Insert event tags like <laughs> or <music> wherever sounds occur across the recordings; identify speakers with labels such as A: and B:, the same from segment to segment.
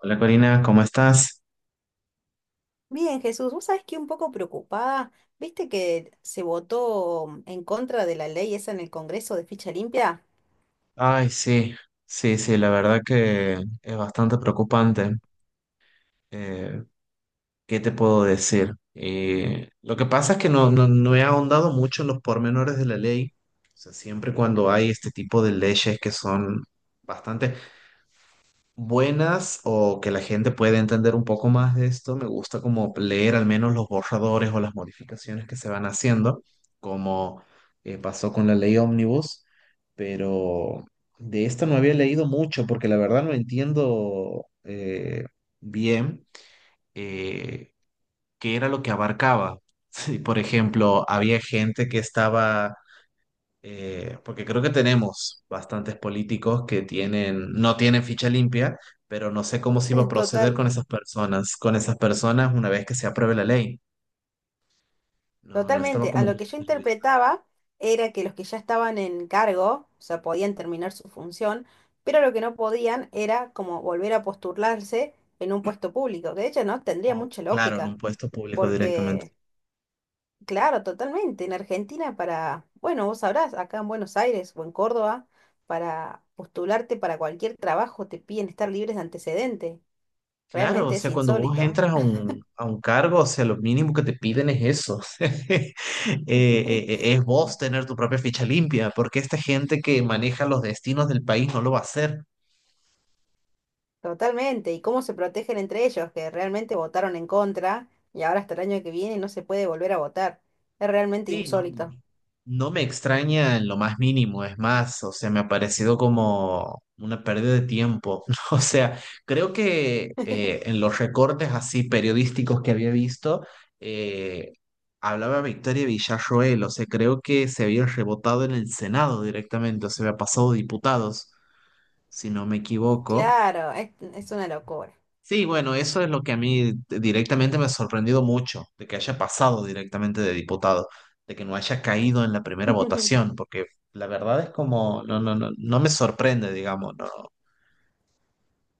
A: Hola Corina, ¿cómo estás?
B: Bien, Jesús, vos sabés que un poco preocupada, viste que se votó en contra de la ley esa en el Congreso de ficha limpia.
A: Ay, sí, sí, sí, la verdad que es bastante preocupante. Eh, ¿Qué te puedo decir? Lo que pasa es que no he ahondado mucho en los pormenores de la ley. O sea, siempre cuando hay este tipo de leyes que son bastante... buenas o que la gente pueda entender un poco más de esto, me gusta como leer al menos los borradores o las modificaciones que se van haciendo, como pasó con la ley Omnibus, pero de esta no había leído mucho porque la verdad no entiendo bien eh, qué era lo que abarcaba. <laughs> Sí, por ejemplo, había gente que estaba porque creo que tenemos bastantes políticos que tienen, no tienen ficha limpia, pero no sé cómo se iba a
B: <laughs>
A: proceder
B: Total,
A: con esas personas una vez que se apruebe la ley. No, no estaba
B: totalmente. A
A: como
B: lo
A: muy
B: que yo
A: interiorizado.
B: interpretaba era que los que ya estaban en cargo, o sea, podían terminar su función, pero lo que no podían era como volver a postularse en un puesto público, que de hecho no tendría
A: O,
B: mucha
A: claro, en
B: lógica,
A: un puesto público directamente.
B: porque claro, totalmente. En Argentina para, bueno, vos sabrás, acá en Buenos Aires o en Córdoba, para postularte para cualquier trabajo te piden estar libres de antecedente.
A: Claro, o
B: Realmente es
A: sea, cuando vos
B: insólito.
A: entras a un cargo, o sea, lo mínimo que te piden es eso. <laughs>
B: <laughs>
A: Es vos tener tu propia ficha limpia, porque esta gente que maneja los destinos del país no lo va a hacer.
B: Totalmente. ¿Y cómo se protegen entre ellos que realmente votaron en contra y ahora hasta el año que viene no se puede volver a votar? Es realmente
A: Sí, no,
B: insólito.
A: no me extraña en lo más mínimo, es más, o sea, me ha parecido como una pérdida de tiempo. <laughs> O sea, creo que
B: <laughs>
A: en los recortes así periodísticos que había visto, eh, hablaba Victoria Villarroel, o sea, creo que se había rebotado en el Senado directamente, o sea, había pasado diputados, si no me equivoco.
B: Claro, es una locura.
A: Sí, bueno, eso es lo que a mí directamente me ha sorprendido mucho, de que haya pasado directamente de diputado, de que no haya caído en la primera
B: <laughs>
A: votación, porque la verdad es como, no me sorprende, digamos, no,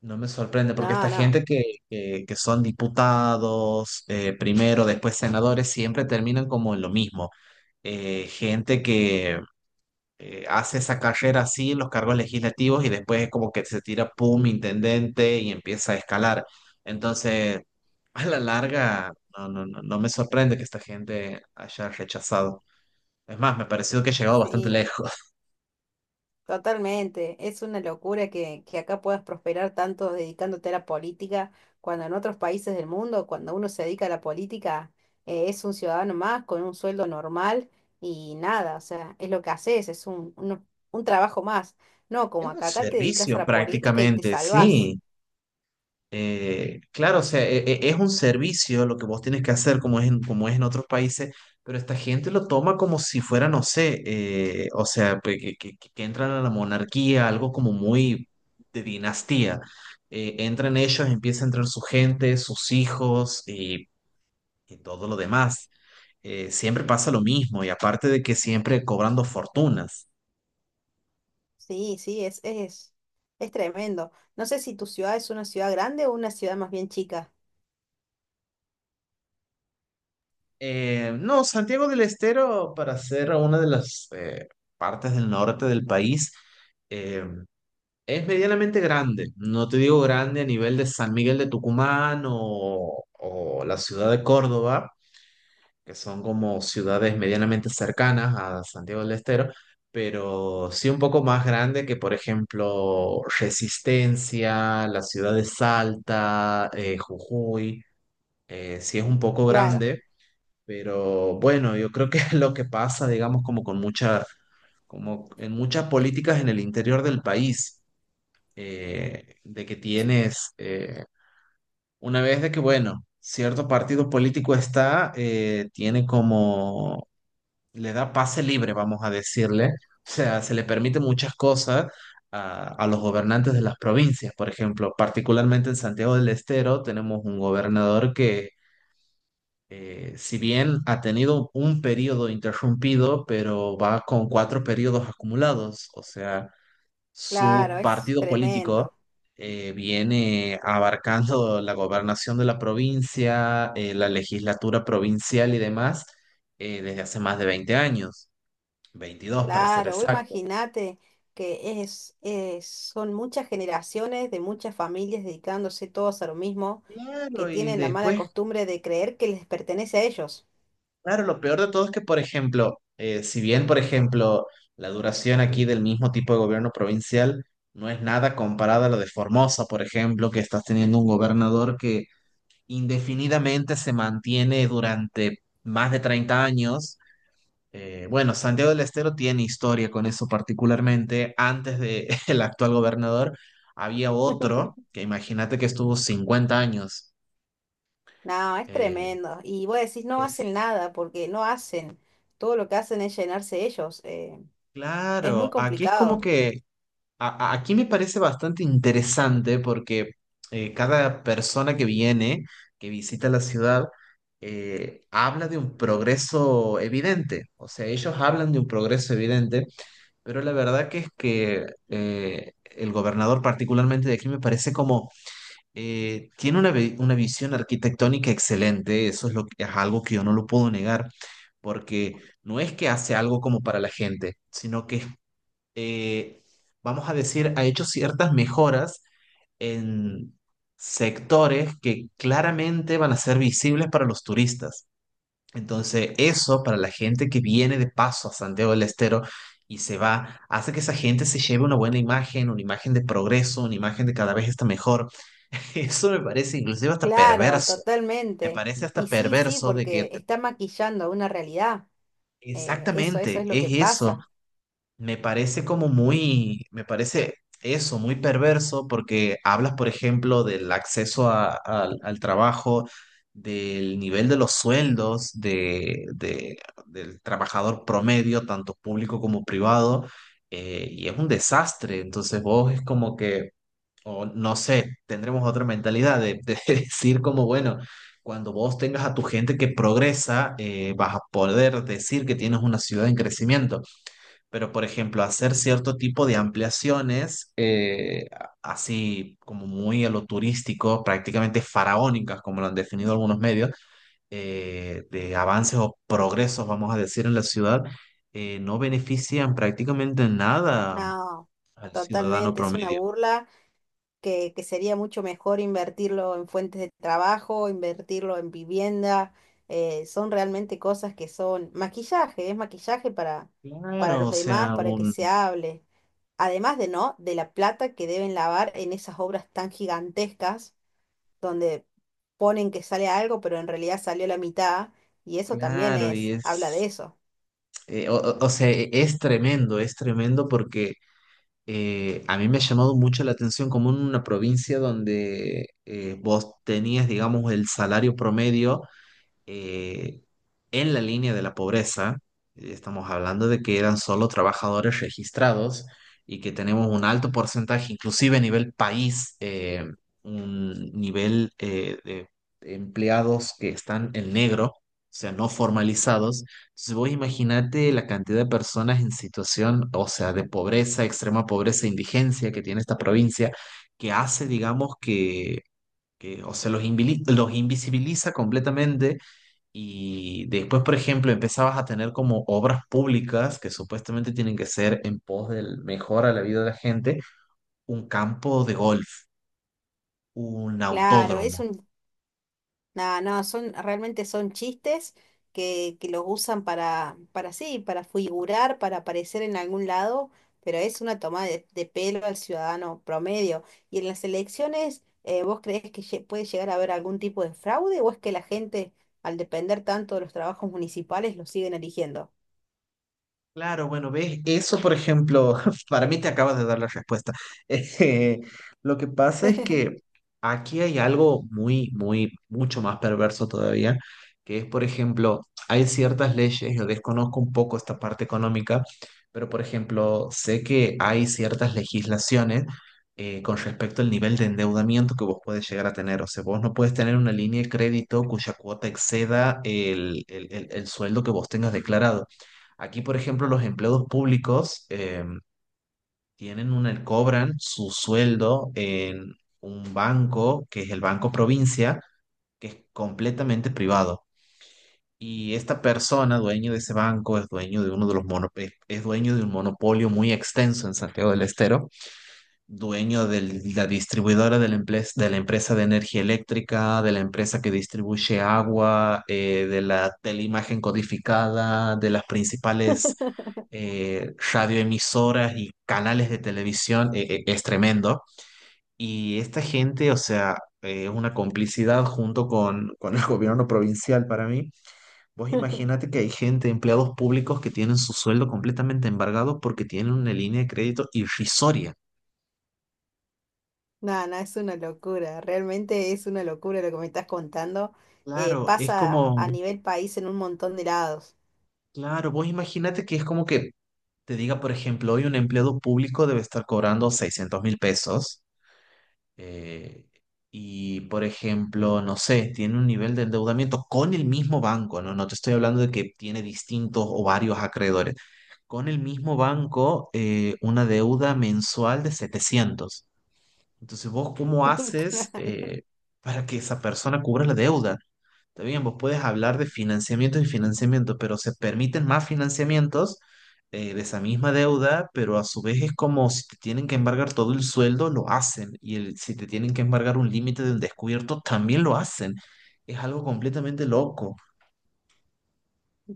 A: no me sorprende, porque esta
B: No, no,
A: gente que son diputados, primero, después senadores, siempre terminan como en lo mismo. Gente que hace esa carrera así en los cargos legislativos y después es como que se tira, pum, intendente y empieza a escalar. Entonces, a la larga, no me sorprende que esta gente haya rechazado. Es más, me ha parecido que ha llegado bastante
B: sí.
A: lejos. <laughs>
B: Totalmente, es una locura que acá puedas prosperar tanto dedicándote a la política, cuando en otros países del mundo, cuando uno se dedica a la política, es un ciudadano más con un sueldo normal y nada, o sea, es lo que haces, es un trabajo más. No,
A: Es
B: como
A: un
B: acá, acá te dedicas a
A: servicio
B: la política y te
A: prácticamente,
B: salvás.
A: sí. Claro, o sea, es un servicio lo que vos tienes que hacer como es en otros países, pero esta gente lo toma como si fuera, no sé, o sea, que, que entran a la monarquía, algo como muy de dinastía. Entran ellos, empieza a entrar su gente, sus hijos y todo lo demás. Siempre pasa lo mismo y aparte de que siempre cobrando fortunas.
B: Sí, sí, es tremendo. No sé si tu ciudad es una ciudad grande o una ciudad más bien chica.
A: No, Santiago del Estero, para ser una de las partes del norte del país, eh, es medianamente grande. No te digo grande a nivel de San Miguel de Tucumán o la ciudad de Córdoba, que son como ciudades medianamente cercanas a Santiago del Estero, pero sí un poco más grande que, por ejemplo, Resistencia, la ciudad de Salta, Jujuy. Sí es un poco
B: Claro,
A: grande pero bueno, yo creo que <laughs> lo que pasa, digamos, como con mucha, como en muchas políticas en el interior del país, de que tienes, una vez de que, bueno, cierto partido político está, tiene como, le da pase libre, vamos a decirle, o sea, se le permite muchas cosas a los gobernantes de las provincias, por ejemplo, particularmente en Santiago del Estero tenemos un gobernador que si bien ha tenido un periodo interrumpido, pero va con cuatro periodos acumulados, o sea,
B: claro,
A: su
B: es
A: partido político
B: tremendo.
A: viene abarcando <laughs> la gobernación de la provincia, la legislatura provincial y demás desde hace más de 20 años, 22 para ser
B: Claro, vos
A: exacto.
B: imagínate que son muchas generaciones de muchas familias dedicándose todos a lo mismo, que
A: Claro, y
B: tienen la mala
A: después.
B: costumbre de creer que les pertenece a ellos.
A: Claro, lo peor de todo es que, por ejemplo, si bien, por ejemplo, la duración aquí del mismo tipo de gobierno provincial no es nada comparada a lo de Formosa, por ejemplo, que estás teniendo un gobernador que indefinidamente se mantiene durante más de 30 años. Bueno, Santiago del Estero tiene historia con eso particularmente. Antes de <laughs> el actual gobernador había otro que imagínate que estuvo 50 años.
B: No, es
A: Eh,
B: tremendo. Y vos decís, no hacen
A: es
B: nada, porque no hacen. Todo lo que hacen es llenarse ellos. Es muy
A: Claro, aquí es como
B: complicado.
A: que aquí me parece bastante interesante porque cada persona que viene, que visita la ciudad, habla de un progreso evidente. O sea, ellos hablan de un progreso evidente, pero la verdad que es que el gobernador particularmente de aquí me parece como tiene una, una visión arquitectónica excelente. Eso es, lo, es algo que yo no lo puedo negar, porque no es que hace algo como para la gente, sino que es eh, vamos a decir, ha hecho ciertas mejoras en sectores que claramente van a ser visibles para los turistas. Entonces, eso para la gente que viene de paso a Santiago del Estero y se va, hace que esa gente se lleve una buena imagen, una imagen de progreso, una imagen de cada vez está mejor. <laughs> Eso me parece inclusive hasta
B: Claro,
A: perverso. Me
B: totalmente.
A: parece hasta
B: Y sí, sí,
A: perverso de que
B: porque está maquillando una realidad. Eso, eso
A: exactamente
B: es lo que
A: es eso.
B: pasa.
A: Me parece como muy, me parece eso, muy perverso, porque hablas, por ejemplo, del acceso al trabajo, del nivel de los sueldos del trabajador promedio, tanto público como privado, y es un desastre. Entonces vos es como que, o no sé, tendremos otra mentalidad de <laughs> decir como, bueno, cuando vos tengas a tu gente que progresa, vas a poder decir que tienes una ciudad en crecimiento. Pero, por ejemplo, hacer cierto tipo de ampliaciones, así como muy a lo turístico, prácticamente faraónicas, como lo han definido algunos medios, de avances o progresos, vamos a decir, en la ciudad, no benefician prácticamente en nada
B: No,
A: al ciudadano
B: totalmente, es una
A: promedio.
B: burla, que sería mucho mejor invertirlo en fuentes de trabajo, invertirlo en vivienda, son realmente cosas que son maquillaje, es maquillaje para
A: Claro,
B: los
A: o
B: demás,
A: sea,
B: para que se hable. Además de no, de la plata que deben lavar en esas obras tan gigantescas, donde ponen que sale algo, pero en realidad salió la mitad, y eso también
A: claro, y
B: es, habla de
A: es,
B: eso.
A: o sea, es tremendo porque a mí me ha llamado mucho la atención como en una provincia donde vos tenías, digamos, el salario promedio eh, en la línea de la pobreza, estamos hablando de que eran solo trabajadores registrados y que tenemos un alto porcentaje, inclusive a nivel país, un nivel de empleados que están en negro, o sea, no formalizados. Entonces vos imaginate la cantidad de personas en situación, o sea, de pobreza, extrema pobreza, indigencia que tiene esta provincia, que hace, digamos, que, o sea, los los invisibiliza completamente y después, por ejemplo, empezabas a tener como obras públicas que supuestamente tienen que ser en pos del mejor a la vida de la gente, un campo de golf, un
B: Claro,
A: autódromo.
B: es un... No, no, son, realmente son chistes que los usan para sí, para figurar, para aparecer en algún lado, pero es una toma de pelo al ciudadano promedio. ¿Y en las elecciones, vos creés que puede llegar a haber algún tipo de fraude o es que la gente, al depender tanto de los trabajos municipales, los siguen eligiendo?
A: Claro, bueno, ves, eso por ejemplo, <laughs> para mí te acabas de dar la respuesta. <laughs> Eh, lo que pasa es que aquí hay algo muy, muy, mucho más perverso todavía, que es, por ejemplo, hay ciertas leyes, yo desconozco un poco esta parte económica, pero por ejemplo, sé que hay ciertas legislaciones con respecto al nivel de endeudamiento que vos puedes llegar a tener. O sea, vos no puedes tener una línea de crédito cuya cuota exceda el el sueldo que vos tengas declarado. Aquí, por ejemplo, los empleados públicos tienen una, cobran su sueldo en un banco, que es el Banco Provincia, que es completamente privado. Y esta persona, dueño de ese banco, es dueño de uno de los es dueño de un monopolio muy extenso en Santiago del Estero, dueño de la distribuidora de la, de la empresa de energía eléctrica, de la empresa que distribuye agua, de la teleimagen codificada, de las principales
B: <laughs>
A: radioemisoras y canales de televisión, es tremendo. Y esta gente, o sea, es una complicidad junto con el <laughs> gobierno provincial para mí. Vos imaginate que hay gente, empleados públicos, que tienen su sueldo completamente embargado porque tienen una línea de crédito irrisoria.
B: No, no, es una locura, realmente es una locura lo que me estás contando.
A: Claro, es
B: Pasa a
A: como,
B: nivel país en un montón de lados.
A: claro, vos imagínate que es como que te diga, por ejemplo, hoy un empleado público debe estar cobrando $600.000 eh, y, por ejemplo, no sé, tiene un nivel de endeudamiento con el mismo banco, ¿no? No te estoy hablando de que tiene distintos o varios acreedores. Con el mismo banco, una deuda mensual de setecientos. Entonces, ¿vos cómo haces
B: <laughs>
A: para que esa persona cubra la deuda? Está bien, vos puedes hablar de financiamiento y financiamiento, pero se permiten más financiamientos de esa misma deuda, pero a su vez es como si te tienen que embargar todo el sueldo, lo hacen. Y si te tienen que embargar un límite de un descubierto, también lo hacen. Es algo completamente loco.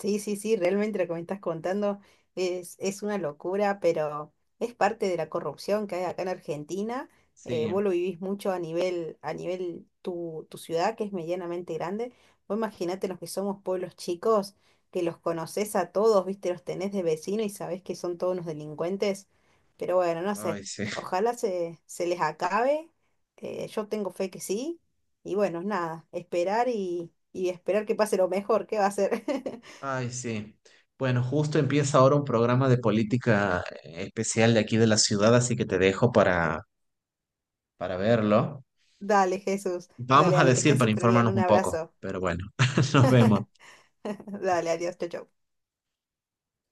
B: Sí, sí, sí, realmente lo que me estás contando es una locura, pero es parte de la corrupción que hay acá en Argentina. Vos
A: Sí,
B: lo vivís mucho a nivel tu ciudad, que es medianamente grande. Vos imaginate los que somos pueblos chicos, que los conocés a todos, viste, los tenés de vecino y sabés que son todos unos delincuentes. Pero bueno, no sé,
A: ay, sí, <laughs>
B: ojalá se les acabe. Yo tengo fe que sí. Y bueno, nada, esperar y esperar que pase lo mejor, ¿qué va a ser? <laughs>
A: ay, sí. Bueno, justo empieza ahora un programa de política especial de aquí de la ciudad, así que te dejo para verlo.
B: Dale, Jesús. Dale,
A: Vamos a
B: dale, que
A: decir
B: estés
A: para
B: súper bien.
A: informarnos
B: Un
A: un poco,
B: abrazo.
A: pero bueno, <laughs> nos vemos.
B: <laughs> Dale, adiós, chau, chau.